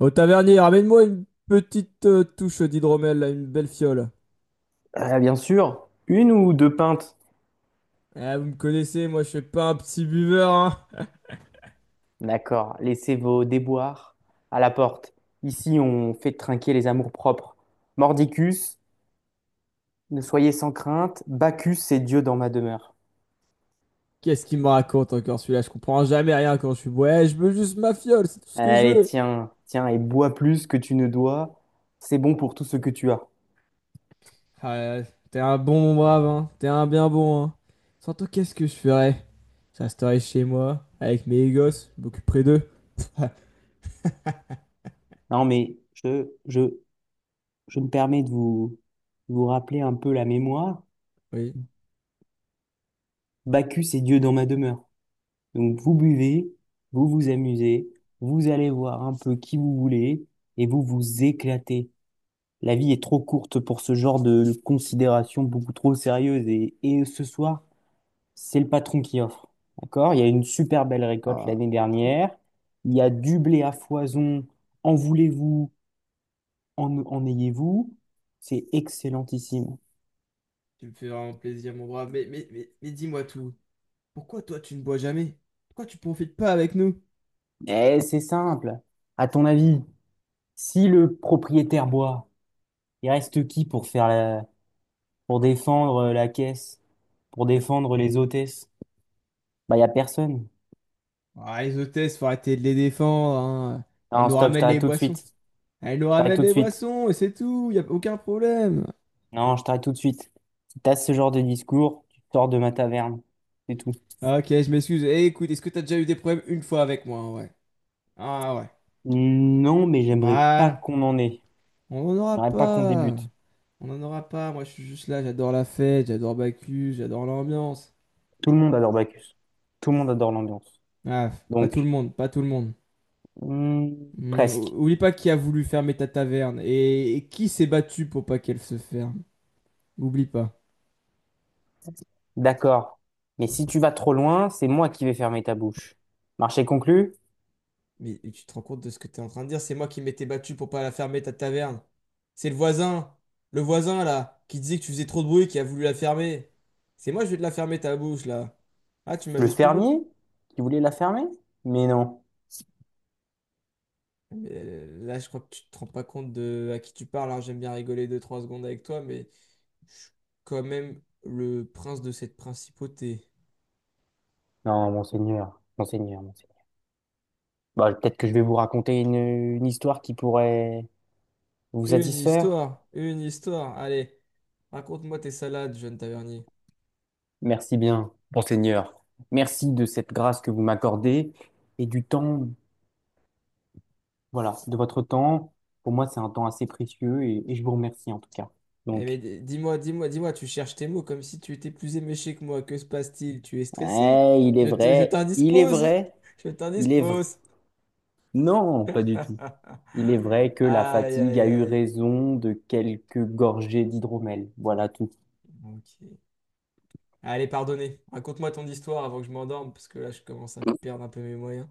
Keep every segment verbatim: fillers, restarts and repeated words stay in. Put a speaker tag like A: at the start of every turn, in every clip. A: Au tavernier, ramène-moi une petite euh, touche d'hydromel, là, une belle fiole.
B: Ah, bien sûr, une ou deux pintes.
A: Ah, vous me connaissez, moi je suis pas un petit buveur, hein.
B: D'accord, laissez vos déboires à la porte. Ici, on fait trinquer les amours propres. Mordicus, ne soyez sans crainte, Bacchus, c'est Dieu dans ma demeure.
A: Qu'est-ce qu'il me raconte encore celui-là? Je comprends jamais rien quand je suis bourré. Eh, je veux juste ma fiole, c'est tout ce que je
B: Allez,
A: veux.
B: tiens, tiens, et bois plus que tu ne dois. C'est bon pour tout ce que tu as.
A: Ah, euh, T'es un bon mon brave, hein. T'es un bien bon, hein. Surtout, qu'est-ce que je ferais? Je resterais chez moi, avec mes gosses, je m'occuperais d'eux.
B: Non, mais je, je, je me permets de vous, vous rappeler un peu la mémoire.
A: Oui.
B: Bacchus est Dieu dans ma demeure. Donc vous buvez, vous vous amusez, vous allez voir un peu qui vous voulez et vous vous éclatez. La vie est trop courte pour ce genre de considération beaucoup trop sérieuse et, et ce soir, c'est le patron qui offre. D'accord? Il y a une super belle récolte l'année dernière. Il y a du blé à foison. En voulez-vous? En, en ayez-vous? C'est excellentissime.
A: Tu me fais vraiment plaisir, mon brave. Mais, mais, mais, mais dis-moi tout. Pourquoi toi tu ne bois jamais? Pourquoi tu profites pas avec nous?
B: Eh, c'est simple. À ton avis, si le propriétaire boit, il reste qui pour faire la, pour défendre euh, la caisse, pour
A: Mais t'as.
B: défendre les hôtesses. Bah, il a personne.
A: Ah, les hôtesses, faut arrêter de les défendre, hein. Elles
B: Non,
A: nous
B: stop, je
A: ramènent les
B: t'arrête tout de
A: boissons.
B: suite.
A: Elles nous
B: Je t'arrête
A: ramènent
B: tout de
A: les
B: suite.
A: boissons et c'est tout. Y a aucun problème.
B: Non, je t'arrête tout de suite. Si t'as ce genre de discours, tu sors de ma taverne. C'est tout.
A: Ah, Ok, je m'excuse. Eh, écoute, est-ce que t'as déjà eu des problèmes une fois avec moi? Hein, ouais. Ah ouais.
B: Non, mais j'aimerais pas
A: Voilà.
B: qu'on en ait.
A: On n'en aura
B: J'aimerais pas qu'on
A: pas.
B: débute.
A: On n'en aura pas. Moi, je suis juste là. J'adore la fête. J'adore Bacchus. J'adore l'ambiance.
B: Tout le monde adore Bacchus. Tout le monde adore l'ambiance.
A: Ah, pas tout le
B: Donc,
A: monde. Pas tout le monde.
B: hmm,
A: Hmm,
B: presque.
A: ou- oublie pas qui a voulu fermer ta taverne et, et qui s'est battu pour pas qu'elle se ferme. Oublie pas.
B: D'accord. Mais si tu vas trop loin, c'est moi qui vais fermer ta bouche. Marché conclu.
A: Mais tu te rends compte de ce que tu es en train de dire? C'est moi qui m'étais battu pour pas la fermer, ta taverne. C'est le voisin, le voisin là, qui disait que tu faisais trop de bruit, qui a voulu la fermer. C'est moi, je vais te la fermer, ta bouche là. Ah, tu
B: Le
A: m'amuses plus beaucoup.
B: fermier qui voulait la fermer? Mais non.
A: Mais euh, là, je crois que tu te rends pas compte de à qui tu parles, hein. J'aime bien rigoler deux trois secondes avec toi, mais je suis quand même le prince de cette principauté.
B: Non, monseigneur, monseigneur, monseigneur. Bah, peut-être que je vais vous raconter une, une histoire qui pourrait vous
A: Une
B: satisfaire.
A: histoire, une histoire. Allez, raconte-moi tes salades, jeune tavernier.
B: Merci bien, monseigneur. Merci de cette grâce que vous m'accordez et du temps, voilà, de votre temps. Pour moi, c'est un temps assez précieux et, et je vous remercie en tout cas.
A: Eh mais
B: Donc,
A: d- dis-moi, dis-moi, dis-moi, tu cherches tes mots comme si tu étais plus éméché que moi. Que se passe-t-il? Tu es stressé?
B: eh, il est
A: Je te, je
B: vrai, il est
A: t'indispose.
B: vrai,
A: Je
B: il est vrai.
A: t'indispose.
B: Non, pas du tout. Il est vrai que la
A: Aïe,
B: fatigue a
A: aïe,
B: eu
A: aïe.
B: raison de quelques gorgées d'hydromel. Voilà tout.
A: Ok. Allez, pardonnez. Raconte-moi ton histoire avant que je m'endorme, parce que là, je commence à perdre un peu mes moyens.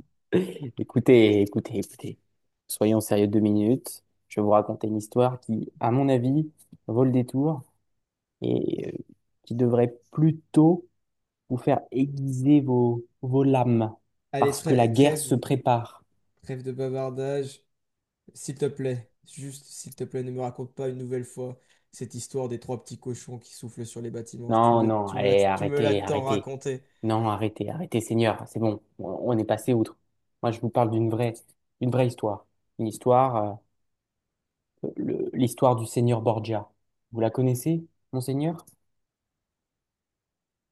B: Écoutez, écoutez, écoutez. Soyons sérieux deux minutes. Je vais vous raconter une histoire qui, à mon avis, vaut le détour et euh, qui devrait plutôt vous faire aiguiser vos, vos lames
A: Allez,
B: parce que la
A: trê-
B: guerre se
A: trêve,
B: prépare.
A: trêve de bavardage. S'il te plaît, juste s'il te plaît, ne me raconte pas une nouvelle fois cette histoire des trois petits cochons qui soufflent sur les bâtiments. Tu
B: Non,
A: me, le-
B: non,
A: tu me la,
B: allez,
A: tu me l'as
B: arrêtez,
A: tant
B: arrêtez.
A: raconté.
B: Non, arrêtez, arrêtez, Seigneur. C'est bon, on on est passé outre. Moi, je vous parle d'une vraie, d'une vraie histoire. Une histoire, euh, le- l'histoire du Seigneur Borgia. Vous la connaissez, Monseigneur?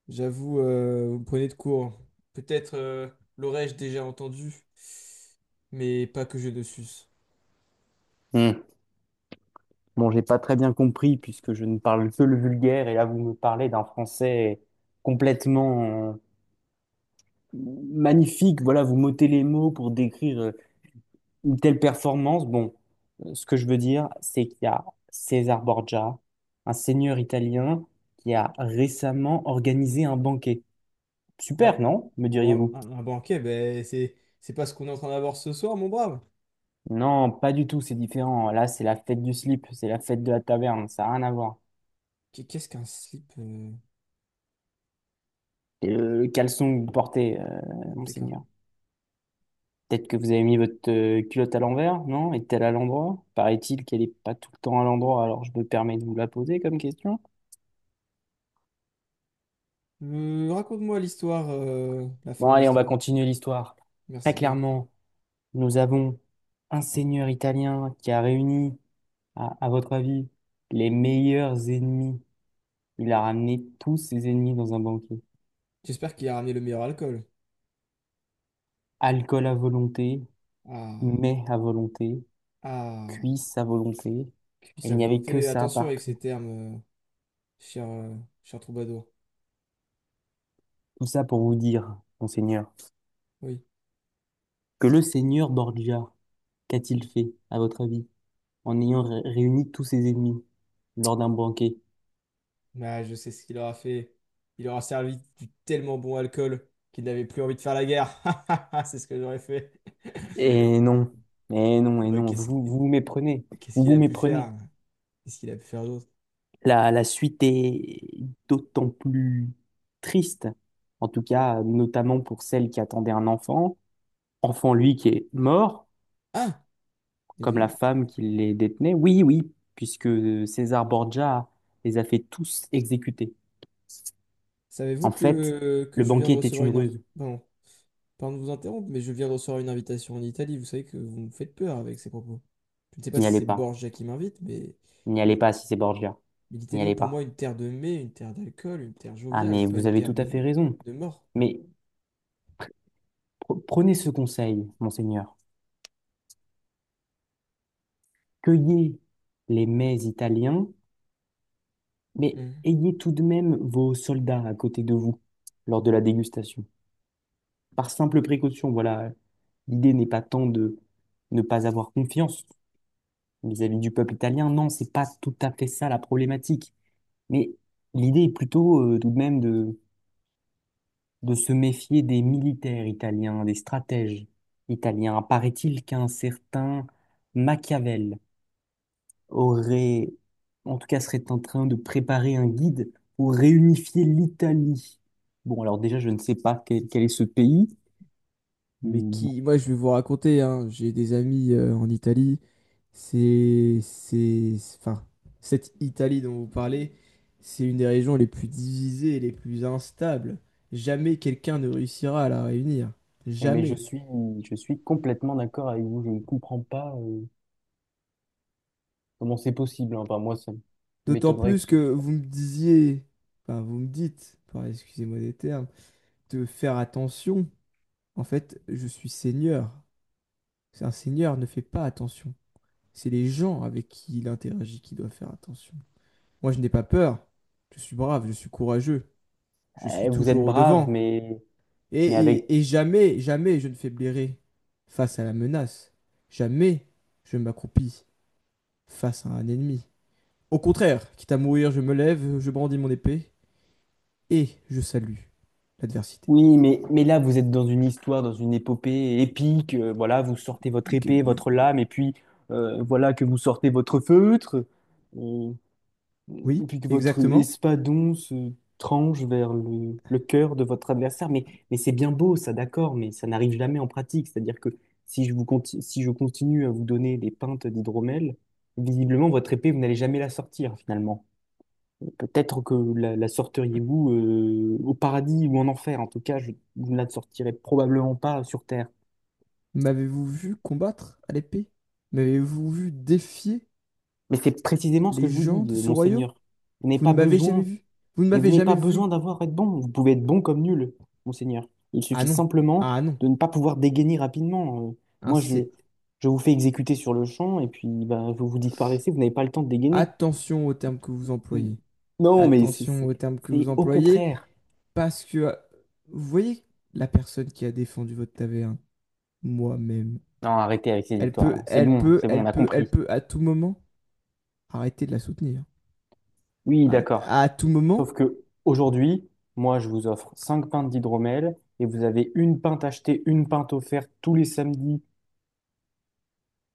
A: J'avoue, euh, vous me prenez de court. Peut-être euh, l'aurais-je déjà entendu, mais pas que je ne suce.
B: Hmm. Bon, j'ai pas très bien compris puisque je ne parle que le vulgaire et là vous me parlez d'un français complètement euh, magnifique. Voilà, vous m'ôtez les mots pour décrire euh, une telle performance. Bon, euh, ce que je veux dire, c'est qu'il y a César Borgia, un seigneur italien qui a récemment organisé un banquet. Super,
A: Ah,
B: non? Me
A: un, ban-
B: diriez-vous?
A: un- un banquet, ben, c'est, c'est pas ce qu'on est en train d'avoir ce soir, mon brave.
B: Non, pas du tout, c'est différent. Là, c'est la fête du slip, c'est la fête de la taverne, ça n'a rien à voir.
A: Qu- Qu'est-ce qu'un slip euh,
B: Et le, le caleçon que vous portez, euh,
A: ah, d'accord.
B: monseigneur. Peut-être que vous avez mis votre euh, culotte à l'envers, non? Est-elle à l'endroit? Paraît-il qu'elle n'est pas tout le temps à l'endroit, alors je me permets de vous la poser comme question.
A: Euh, raconte-moi l'histoire, euh, la fin
B: Bon,
A: de
B: allez, on va
A: l'histoire.
B: continuer l'histoire. Très
A: Merci bien.
B: clairement, nous avons un seigneur italien qui a réuni, à, à votre avis, les meilleurs ennemis. Il a ramené tous ses ennemis dans un banquet.
A: J'espère qu'il a ramené le meilleur alcool.
B: Alcool à volonté,
A: Ah,
B: mets à volonté,
A: ah,
B: cuisses à volonté.
A: qu'il puisse
B: Il
A: à
B: n'y avait que
A: volonté.
B: ça
A: Attention avec
B: partout.
A: ces termes, euh, cher, euh, cher troubadour.
B: Tout ça pour vous dire, monseigneur,
A: Oui.
B: que le seigneur Borgia, qu'a-t-il fait, à votre avis, en ayant ré- réuni tous ses ennemis lors d'un banquet?
A: Mais je sais ce qu'il aura fait. Il aura servi du tellement bon alcool qu'il n'avait plus envie de faire la guerre. C'est ce que j'aurais fait.
B: Et non, et non, et
A: Bah,
B: non, vous
A: qu'est-ce
B: vous vous méprenez,
A: qu'est-ce
B: vous
A: qu'il
B: vous
A: a pu
B: méprenez.
A: faire? Qu'est-ce qu'il a pu faire d'autre?
B: La, la suite est d'autant plus triste, en tout cas, notamment pour celle qui attendait un enfant, enfant lui qui est mort,
A: Ah!
B: comme la
A: Et,
B: femme qui les détenait. Oui, oui, puisque César Borgia les a fait tous exécuter.
A: savez-vous
B: En fait,
A: que, que
B: le
A: je viens
B: banquet
A: de
B: était
A: recevoir
B: une
A: une...
B: ruse,
A: Pardon, pardon de vous interrompre, mais je viens de recevoir une invitation en Italie. Vous savez que vous me faites peur avec ces propos. Je ne sais pas
B: n'y
A: si
B: allez
A: c'est
B: pas.
A: Borgia qui m'invite, mais
B: N'y allez
A: l'I-
B: pas si c'est Borgia.
A: mais
B: N'y
A: l'Italie est
B: allez
A: pour moi
B: pas.
A: une terre de mai, une terre d'alcool, une terre
B: Ah,
A: joviale,
B: mais
A: pas
B: vous
A: une
B: avez
A: terre
B: tout à
A: de,
B: fait raison.
A: de mort.
B: Mais pre- prenez ce conseil, monseigneur. Cueillez les mets italiens, mais ayez tout de même vos soldats à côté de vous lors de la dégustation. Par simple précaution, voilà. L'idée n'est pas tant de ne pas avoir confiance vis-à-vis du peuple italien. Non, c'est pas tout à fait ça la problématique. Mais l'idée est plutôt euh, tout de même de de se méfier des militaires italiens, des stratèges italiens. Paraît-il qu'un certain Machiavel aurait, en tout cas serait en train de préparer un guide pour réunifier l'Italie. Bon, alors déjà, je ne sais pas quel, quel est ce pays,
A: Mais
B: Mm,
A: qui, moi, je vais vous raconter, hein, j'ai des amis euh, en Italie. C'est, c'est, c'est- enfin, cette Italie dont vous parlez, c'est une des régions les plus divisées et les plus instables. Jamais quelqu'un ne réussira à la réunir.
B: eh, mais je
A: Jamais.
B: suis, je suis complètement d'accord avec vous. Je ne comprends pas euh, comment c'est possible, hein. Enfin, moi, ça
A: D'autant
B: m'étonnerait que
A: plus
B: ce...
A: que vous me disiez, enfin, vous me dites, par- excusez-moi des termes, de faire attention. En fait, je suis seigneur. Un seigneur ne fait pas attention. C'est les gens avec qui il interagit qui doivent faire attention. Moi, je n'ai pas peur. Je suis brave, je suis courageux. Je suis
B: Eh, vous
A: toujours
B: êtes
A: au
B: brave,
A: devant.
B: mais,
A: Et,
B: mais avec
A: et, et jamais, jamais je ne faiblirai face à la menace. Jamais je m'accroupis face à un ennemi. Au contraire, quitte à mourir, je me lève, je brandis mon épée et je salue l'adversité.
B: oui, mais, mais là, vous êtes dans une histoire, dans une épopée épique. euh, voilà, vous sortez votre épée, votre lame, et puis euh, voilà que vous sortez votre feutre, euh, et
A: Oui,
B: puis que votre
A: exactement.
B: espadon se tranche vers le, le cœur de votre adversaire. Mais, mais c'est bien beau, ça, d'accord, mais ça n'arrive jamais en pratique. C'est-à-dire que si je vous conti- si je continue à vous donner des pintes d'hydromel, visiblement, votre épée, vous n'allez jamais la sortir, finalement. Peut-être que la, la sortiriez-vous euh, au paradis ou en enfer. En tout cas, je, vous ne la sortirez probablement pas sur Terre.
A: M'avez-vous vu combattre à l'épée? M'avez-vous vu défier
B: Mais c'est précisément ce que
A: les
B: je vous
A: gens
B: dis,
A: de
B: euh,
A: ce royaume?
B: monseigneur. Vous n'avez
A: Vous ne
B: pas
A: m'avez jamais
B: besoin,
A: vu. Vous ne
B: mais vous
A: m'avez
B: n'avez
A: jamais
B: pas
A: vu.
B: besoin d'avoir à être bon. Vous pouvez être bon comme nul, monseigneur. Il
A: Ah
B: suffit
A: non,
B: simplement
A: ah non,
B: de ne pas pouvoir dégainer rapidement. Euh,
A: hein,
B: moi, je,
A: c'est
B: je vous fais exécuter sur le champ et puis bah, vous vous disparaissez. Vous n'avez pas le temps de dégainer.
A: attention aux termes que vous
B: Mm.
A: employez.
B: Non, mais c'est
A: Attention
B: c'est-
A: aux termes que vous
B: c'est au
A: employez
B: contraire.
A: parce que euh, vous voyez la personne qui a défendu votre taverne, moi-même,
B: Non, arrêtez avec ces
A: elle peut,
B: histoires-là. C'est
A: elle
B: bon,
A: peut,
B: c'est bon, on
A: elle
B: a
A: peut, elle
B: compris.
A: peut à tout moment arrêter de la soutenir.
B: Oui,
A: À,
B: d'accord.
A: à tout moment,
B: Sauf que aujourd'hui, moi, je vous offre cinq pintes d'hydromel et vous avez une pinte achetée, une pinte offerte tous les samedis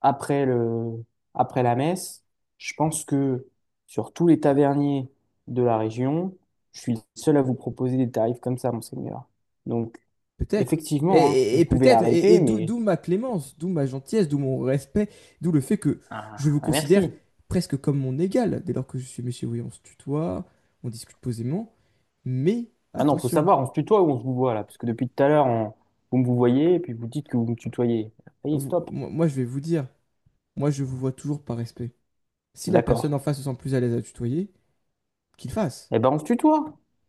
B: après le, après la messe. Je pense que sur tous les taverniers de la région, je suis le seul à vous proposer des tarifs comme ça, monseigneur. Donc,
A: peut-être. Et,
B: effectivement, hein,
A: et-
B: vous
A: et
B: pouvez
A: peut-être, et,
B: arrêter,
A: et d'où
B: mais
A: d'où ma clémence, d'où ma gentillesse, d'où mon respect, d'où le fait que
B: ah,
A: je vous
B: ah,
A: considère
B: merci.
A: presque comme mon égal, dès lors que je suis monsieur oui, on se tutoie, on discute posément, mais
B: Maintenant, il faut
A: attention.
B: savoir, on se tutoie ou on se vous voit là, parce que depuis tout à l'heure, on- vous me vous voyez et puis vous dites que vous me tutoyez. Ça y est,
A: Vous-
B: stop.
A: moi, moi, je vais vous dire, moi, je vous vois toujours par respect. Si la personne
B: D'accord.
A: en face se sent plus à l'aise à tutoyer, qu'il fasse.
B: Eh ben, on se tutoie.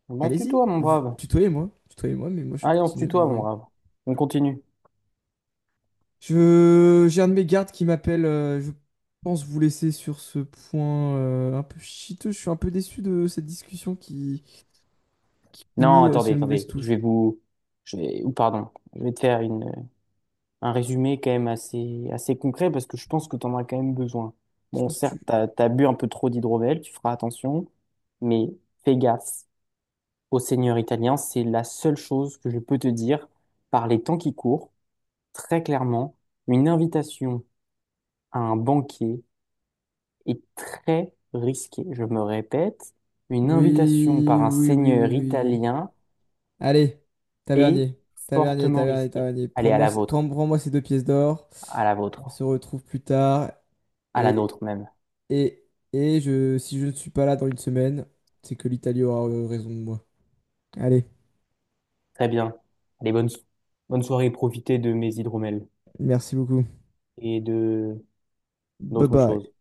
B: Eh ben, on se
A: Allez-y,
B: tutoie, mon
A: vous-
B: brave.
A: tutoyez-moi, tutoyez-moi, mais moi, je
B: Allez, on se
A: continue de
B: tutoie,
A: vous
B: mon
A: vouer.
B: brave. On continue.
A: Je... J'ai un de mes gardes qui m'appelle, euh, je pense vous laisser sur ce point euh, un peu chiteux. Je suis un peu déçu de cette discussion qui
B: Non,
A: finit euh,
B: attendez,
A: sur une mauvaise
B: attendez. Je
A: touche.
B: vais vous, je vais, ou pardon, je vais te faire une, un résumé quand même assez, assez concret parce que je pense que t'en as quand même besoin.
A: Je
B: Bon,
A: pense que tu...
B: certes, t'as, t'as bu un peu trop d'hydromel, tu feras attention, mais fais gaffe au seigneur italien. C'est la seule chose que je peux te dire par les temps qui courent. Très clairement, une invitation à un banquet est très risqué. Je me répète, une invitation
A: Oui,
B: par un
A: oui, oui, oui,
B: seigneur
A: oui.
B: italien
A: Allez,
B: est
A: tavernier, tavernier,
B: fortement
A: tavernier,
B: risquée.
A: tavernier.
B: Allez, à
A: Prends-moi,
B: la
A: ce-
B: vôtre,
A: prends, prends-moi ces deux pièces d'or.
B: à la vôtre,
A: On se retrouve plus tard.
B: à la
A: Et,
B: nôtre même.
A: et, et je, si je ne suis pas là dans une semaine, c'est que l'Italie aura euh, raison de moi. Allez,
B: Très bien. Allez, bonne, so- bonne soirée, profitez de mes hydromels
A: merci beaucoup.
B: et de
A: Bye
B: d'autres
A: bye.
B: choses.